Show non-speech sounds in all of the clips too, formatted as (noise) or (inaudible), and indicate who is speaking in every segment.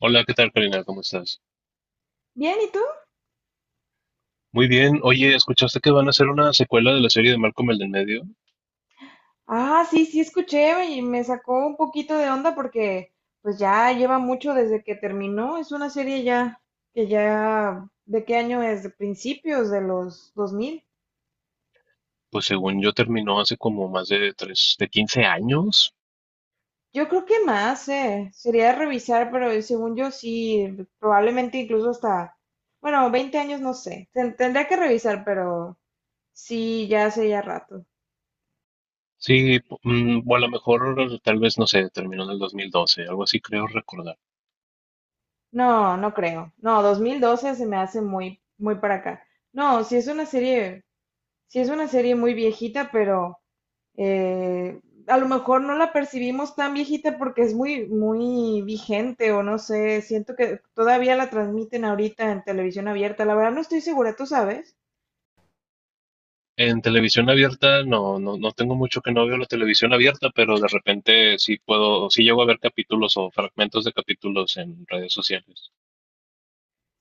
Speaker 1: Hola, ¿qué tal, Karina? ¿Cómo estás?
Speaker 2: Bien, ¿y tú?
Speaker 1: Muy bien. Oye, ¿escuchaste que van a hacer una secuela de la serie de Malcolm el del medio?
Speaker 2: Ah, sí, sí, escuché y me sacó un poquito de onda porque pues ya lleva mucho desde que terminó. Es una serie ya que ya, ¿de qué año es? De principios de los 2000.
Speaker 1: Pues según yo terminó hace como más de tres, de quince años.
Speaker 2: Yo creo que más. Sería revisar, pero según yo sí, probablemente incluso hasta, bueno, 20 años, no sé. Tendría que revisar, pero sí, ya hace ya rato.
Speaker 1: Sí, o a lo mejor tal vez, no sé, terminó en el 2012, algo así creo recordar.
Speaker 2: No, no creo. No, 2012 se me hace muy, muy para acá. No, si es una serie sí es una serie muy viejita, pero eh, a lo mejor no la percibimos tan viejita porque es muy, muy vigente o no sé, siento que todavía la transmiten ahorita en televisión abierta, la verdad no estoy segura, ¿tú sabes?
Speaker 1: En televisión abierta, no, no tengo mucho que no veo la televisión abierta, pero de repente sí puedo, sí llego a ver capítulos o fragmentos de capítulos en redes sociales.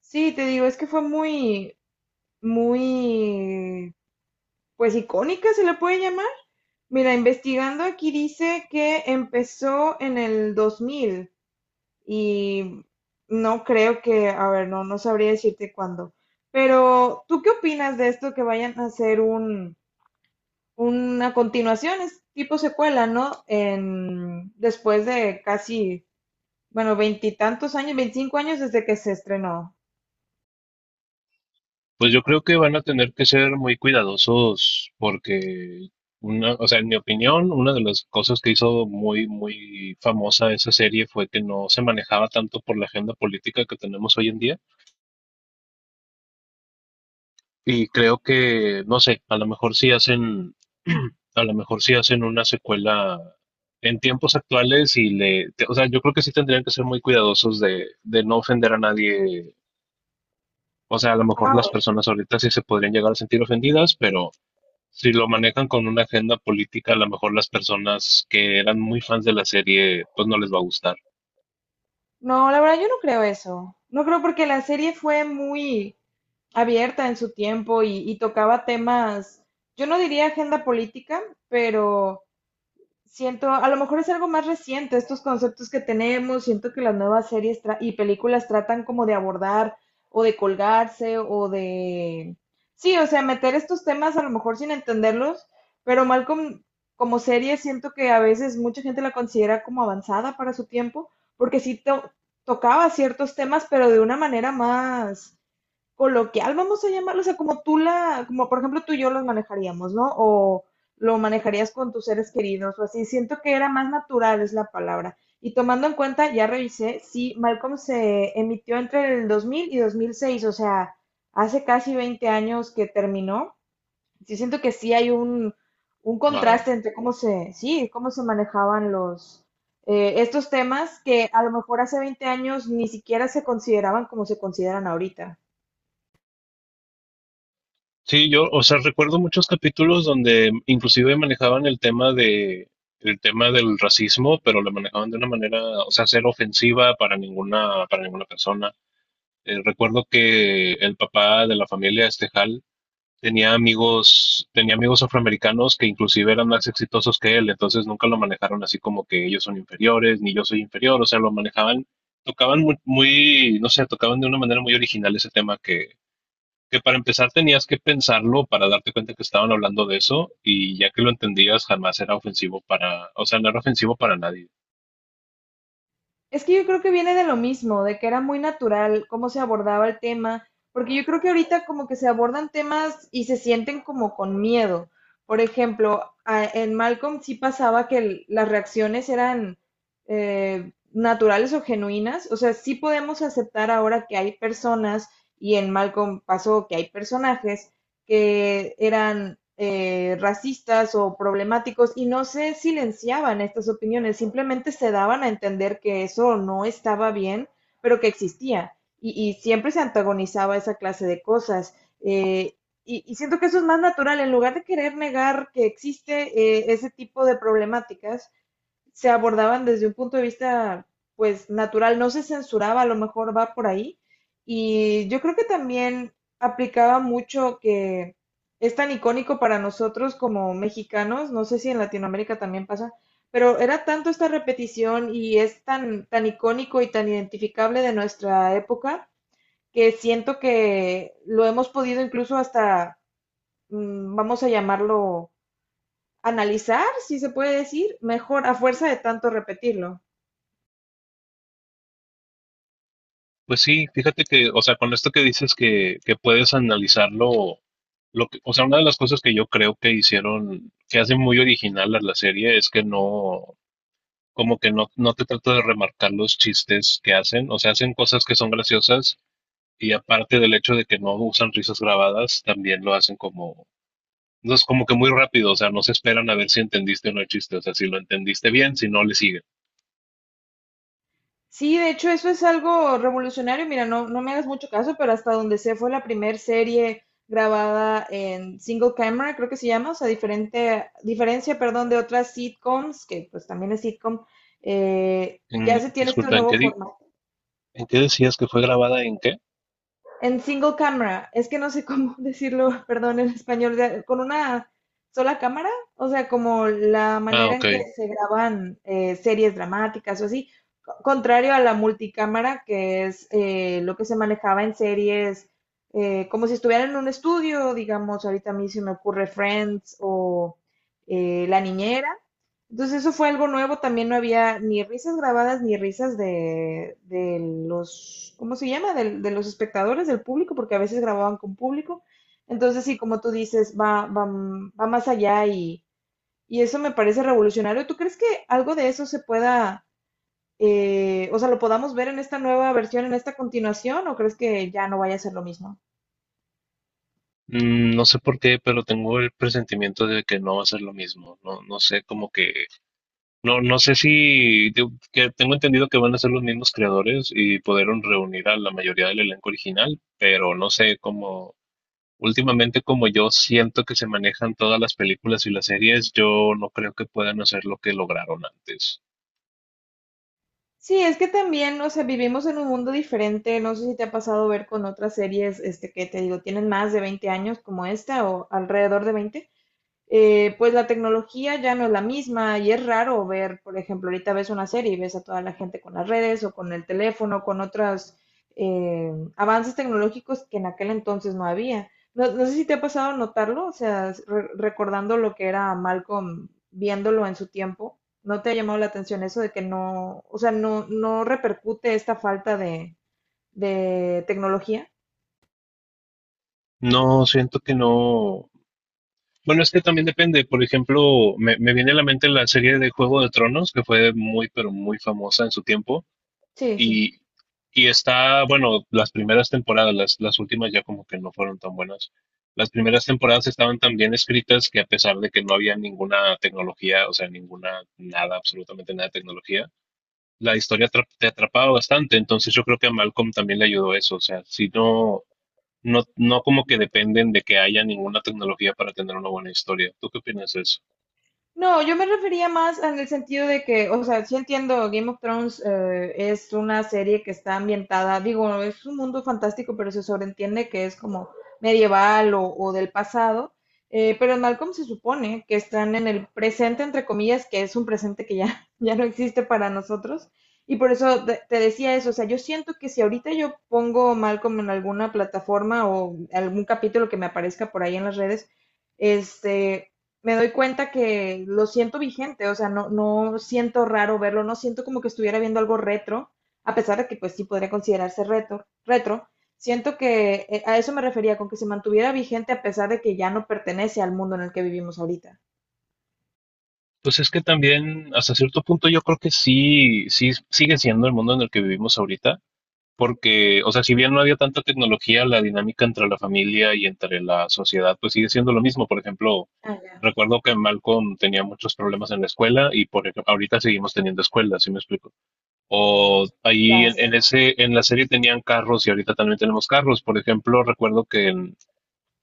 Speaker 2: Sí, te digo, es que fue muy, muy, pues icónica se le puede llamar. Mira, investigando aquí dice que empezó en el 2000. Y no creo que, a ver, no, no sabría decirte cuándo. Pero, ¿tú qué opinas de esto que vayan a hacer una continuación, es tipo secuela, ¿no? Después de casi, bueno, veintitantos años, 25 años desde que se estrenó?
Speaker 1: Pues yo creo que van a tener que ser muy cuidadosos porque una, o sea, en mi opinión, una de las cosas que hizo muy, muy famosa esa serie fue que no se manejaba tanto por la agenda política que tenemos hoy en día. Y creo que, no sé, a lo mejor sí hacen, (clears throat) a lo mejor sí hacen una secuela en tiempos actuales y o sea, yo creo que sí tendrían que ser muy cuidadosos de no ofender a nadie. O sea, a lo mejor las
Speaker 2: Ah.
Speaker 1: personas ahorita sí se podrían llegar a sentir ofendidas, pero si lo manejan con una agenda política, a lo mejor las personas que eran muy fans de la serie, pues no les va a gustar.
Speaker 2: No, la verdad yo no creo eso. No creo porque la serie fue muy abierta en su tiempo y tocaba temas, yo no diría agenda política, pero siento, a lo mejor es algo más reciente, estos conceptos que tenemos, siento que las nuevas series y películas tratan como de abordar o de colgarse o de. Sí, o sea, meter estos temas a lo mejor sin entenderlos, pero Malcolm como serie siento que a veces mucha gente la considera como avanzada para su tiempo, porque sí tocaba ciertos temas, pero de una manera más coloquial, vamos a llamarlo, o sea, como por ejemplo tú y yo los manejaríamos, ¿no? O lo manejarías con tus seres queridos o así. Siento que era más natural, es la palabra. Y tomando en cuenta, ya revisé, sí, Malcolm se emitió entre el 2000 y 2006, o sea, hace casi 20 años que terminó. Sí, siento que sí hay un
Speaker 1: Wow.
Speaker 2: contraste entre cómo se, sí, cómo se manejaban los, estos temas que a lo mejor hace 20 años ni siquiera se consideraban como se consideran ahorita.
Speaker 1: Sí, yo, o sea, recuerdo muchos capítulos donde inclusive manejaban el tema del racismo, pero lo manejaban de una manera, o sea, ser ofensiva para ninguna persona. Recuerdo que el papá de la familia Estejal tenía amigos afroamericanos que inclusive eran más exitosos que él, entonces nunca lo manejaron así como que ellos son inferiores ni yo soy inferior, o sea, lo manejaban tocaban muy, muy, no sé, tocaban de una manera muy original ese tema que para empezar tenías que pensarlo para darte cuenta que estaban hablando de eso y ya que lo entendías jamás era ofensivo para, o sea, no era ofensivo para nadie.
Speaker 2: Es que yo creo que viene de lo mismo, de que era muy natural cómo se abordaba el tema, porque yo creo que ahorita como que se abordan temas y se sienten como con miedo. Por ejemplo, en Malcolm sí pasaba que las reacciones eran naturales o genuinas, o sea, sí podemos aceptar ahora que hay personas, y en Malcolm pasó que hay personajes que eran racistas o problemáticos y no se silenciaban estas opiniones, simplemente se daban a entender que eso no estaba bien, pero que existía. Y siempre se antagonizaba esa clase de cosas. Eh, siento que eso es más natural, en lugar de querer negar que existe ese tipo de problemáticas, se abordaban desde un punto de vista, pues, natural, no se censuraba, a lo mejor va por ahí. Y yo creo que también aplicaba mucho que es tan icónico para nosotros como mexicanos, no sé si en Latinoamérica también pasa, pero era tanto esta repetición y es tan, tan icónico y tan identificable de nuestra época que siento que lo hemos podido incluso hasta, vamos a llamarlo, analizar, si se puede decir, mejor a fuerza de tanto repetirlo.
Speaker 1: Pues sí, fíjate que, o sea, con esto que dices que puedes analizarlo, o sea, una de las cosas que yo creo que hicieron, que hace muy original a la serie es que no, como que no, no te trata de remarcar los chistes que hacen, o sea, hacen cosas que son graciosas y aparte del hecho de que no usan risas grabadas, también lo hacen como. No es como que muy rápido, o sea, no se esperan a ver si entendiste o no el chiste, o sea, si lo entendiste bien, si no, le siguen.
Speaker 2: Sí, de hecho eso es algo revolucionario. Mira, no, no me hagas mucho caso, pero hasta donde sé fue la primera serie grabada en single camera, creo que se llama, o sea, diferente, diferencia, perdón, de otras sitcoms, que pues también es sitcom, ya se tiene este
Speaker 1: Disculpa,
Speaker 2: nuevo formato.
Speaker 1: ¿en qué decías que fue grabada? ¿En qué?
Speaker 2: En single camera, es que no sé (laughs) cómo decirlo, perdón, en español, con una sola cámara, o sea, como la
Speaker 1: Ah,
Speaker 2: manera en que
Speaker 1: ok.
Speaker 2: se graban series dramáticas o así, contrario a la multicámara, que es lo que se manejaba en series, como si estuvieran en un estudio, digamos, ahorita a mí se me ocurre Friends o La Niñera, entonces eso fue algo nuevo, también no había ni risas grabadas ni risas de los, ¿cómo se llama? De los espectadores, del público, porque a veces grababan con público. Entonces sí, como tú dices, va más allá y eso me parece revolucionario. ¿Tú crees que algo de eso se pueda, o sea, lo podamos ver en esta nueva versión, en esta continuación, o crees que ya no vaya a ser lo mismo?
Speaker 1: Mm, no sé por qué, pero tengo el presentimiento de que no va a ser lo mismo. No, no sé, como que, no, no sé si, que tengo entendido que van a ser los mismos creadores y pudieron reunir a la mayoría del elenco original, pero no sé cómo. Últimamente, como yo siento que se manejan todas las películas y las series, yo no creo que puedan hacer lo que lograron antes.
Speaker 2: Sí, es que también, o sea, vivimos en un mundo diferente. No sé si te ha pasado ver con otras series, que te digo, tienen más de 20 años como esta o alrededor de 20 pues la tecnología ya no es la misma y es raro ver, por ejemplo, ahorita ves una serie y ves a toda la gente con las redes o con el teléfono, con otros avances tecnológicos que en aquel entonces no había. No, no sé si te ha pasado notarlo, o sea, recordando lo que era Malcolm viéndolo en su tiempo, ¿no te ha llamado la atención eso de que no, o sea, no, no repercute esta falta de tecnología?
Speaker 1: No, siento que no. Bueno, es que también depende. Por ejemplo, me viene a la mente la serie de Juego de Tronos, que fue muy, pero muy famosa en su tiempo.
Speaker 2: Sí, sí.
Speaker 1: Y, y está, bueno, las primeras temporadas, las últimas ya como que no fueron tan buenas. Las primeras temporadas estaban tan bien escritas que a pesar de que no había ninguna tecnología, o sea, ninguna, nada, absolutamente nada de tecnología, la historia te atrapaba bastante, entonces yo creo que a Malcolm también le ayudó eso, o sea, si no, no como que dependen de que haya ninguna tecnología para tener una buena historia. ¿Tú qué opinas de eso?
Speaker 2: No, yo me refería más en el sentido de que, o sea, sí entiendo, Game of Thrones es una serie que está ambientada, digo, es un mundo fantástico, pero se sobreentiende que es como medieval o del pasado, pero en Malcolm se supone que están en el presente, entre comillas, que es un presente que ya, (laughs) ya no existe para nosotros, y por eso te decía eso, o sea, yo siento que si ahorita yo pongo Malcolm en alguna plataforma o algún capítulo que me aparezca por ahí en las redes, este, me doy cuenta que lo siento vigente, o sea, no, no siento raro verlo, no siento como que estuviera viendo algo retro, a pesar de que pues sí podría considerarse retro, retro. Siento que a eso me refería, con que se mantuviera vigente a pesar de que ya no pertenece al mundo en el que vivimos ahorita.
Speaker 1: Pues es que también, hasta cierto punto, yo creo que sí, sí sigue siendo el mundo en el que vivimos ahorita, porque, o sea, si bien no había tanta tecnología, la dinámica entre la familia y entre la sociedad, pues sigue siendo lo mismo. Por ejemplo,
Speaker 2: Ah, ya.
Speaker 1: recuerdo que Malcolm tenía muchos problemas en la escuela y por ejemplo, ahorita seguimos teniendo escuelas, ¿sí me explico? O ahí
Speaker 2: Ya, sí.
Speaker 1: en ese, en la serie tenían carros y ahorita también tenemos carros. Por ejemplo,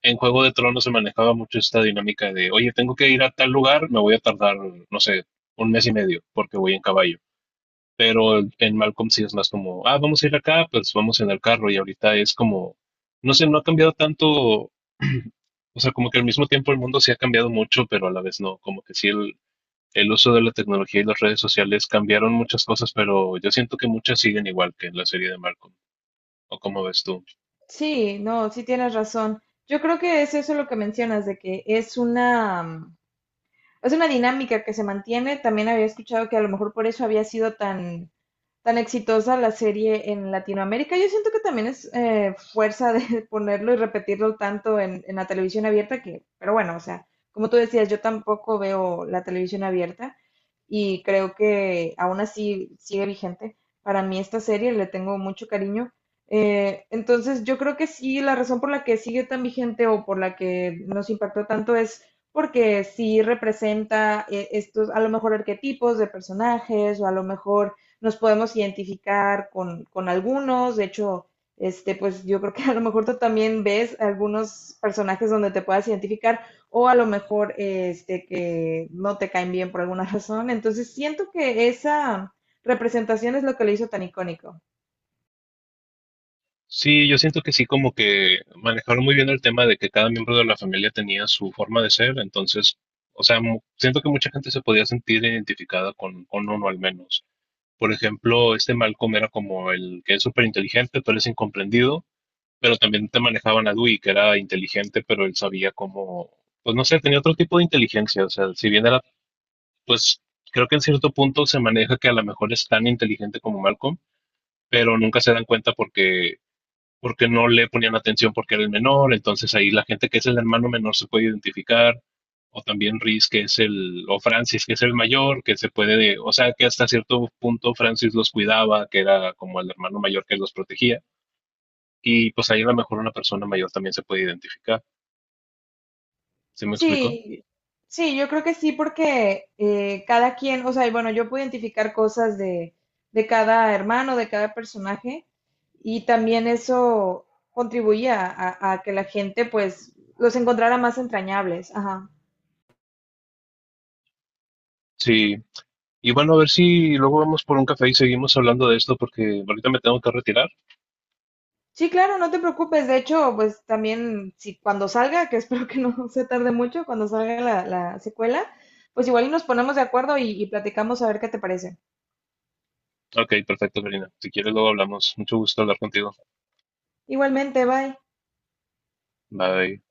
Speaker 1: en Juego de Tronos se manejaba mucho esta dinámica de, oye, tengo que ir a tal lugar, me voy a tardar, no sé, un mes y medio porque voy en caballo. Pero en Malcolm sí es más como, ah, vamos a ir acá, pues vamos en el carro. Y ahorita es como, no sé, no ha cambiado tanto. (clears throat) O sea, como que al mismo tiempo el mundo sí ha cambiado mucho, pero a la vez no. Como que sí el uso de la tecnología y las redes sociales cambiaron muchas cosas, pero yo siento que muchas siguen igual que en la serie de Malcolm. ¿O cómo ves tú?
Speaker 2: Sí, no, sí tienes razón. Yo creo que es eso lo que mencionas, de que es una dinámica que se mantiene. También había escuchado que a lo mejor por eso había sido tan, tan exitosa la serie en Latinoamérica. Yo siento que también es fuerza de (laughs) ponerlo y repetirlo tanto en la televisión abierta que, pero bueno, o sea, como tú decías, yo tampoco veo la televisión abierta y creo que aún así sigue vigente. Para mí esta serie le tengo mucho cariño. Entonces yo creo que sí, la razón por la que sigue tan vigente o por la que nos impactó tanto es porque sí representa estos, a lo mejor, arquetipos de personajes, o a lo mejor nos podemos identificar con algunos, de hecho, pues yo creo que (laughs) a lo mejor tú también ves algunos personajes donde te puedas identificar o a lo mejor que no te caen bien por alguna (laughs) razón. Entonces siento que esa representación es lo que lo hizo tan icónico.
Speaker 1: Sí, yo siento que sí, como que manejaron muy bien el tema de que cada miembro de la familia tenía su forma de ser, entonces, o sea, siento que mucha gente se podía sentir identificada con uno al menos. Por ejemplo, este Malcolm era como el que es súper inteligente, pero es incomprendido, pero también te manejaban a Dewey, que era inteligente, pero él sabía cómo, pues no sé, tenía otro tipo de inteligencia, o sea, si bien era, pues, creo que en cierto punto se maneja que a lo mejor es tan inteligente como Malcolm, pero nunca se dan cuenta porque no le ponían atención porque era el menor, entonces ahí la gente que es el hermano menor se puede identificar, o también Rhys que es el, o Francis que es el mayor, que se puede, o sea que hasta cierto punto Francis los cuidaba, que era como el hermano mayor que los protegía, y pues ahí a lo mejor una persona mayor también se puede identificar, ¿se me explicó?
Speaker 2: Sí, sí, yo creo que sí, porque cada quien, o sea, y bueno, yo puedo identificar cosas de cada hermano, de cada personaje, y también eso contribuía a que la gente, pues, los encontrara más entrañables. Ajá.
Speaker 1: Sí. Y bueno, a ver si luego vamos por un café y seguimos hablando de esto porque ahorita me tengo que retirar.
Speaker 2: Sí, claro, no te preocupes. De hecho, pues también, si cuando salga, que (laughs) espero que no (laughs) se tarde mucho, cuando salga la secuela, pues igual y nos ponemos de acuerdo y platicamos a ver qué te parece.
Speaker 1: Ok, perfecto, Karina. Si quieres, luego hablamos. Mucho gusto hablar contigo.
Speaker 2: Igualmente, bye.
Speaker 1: Bye.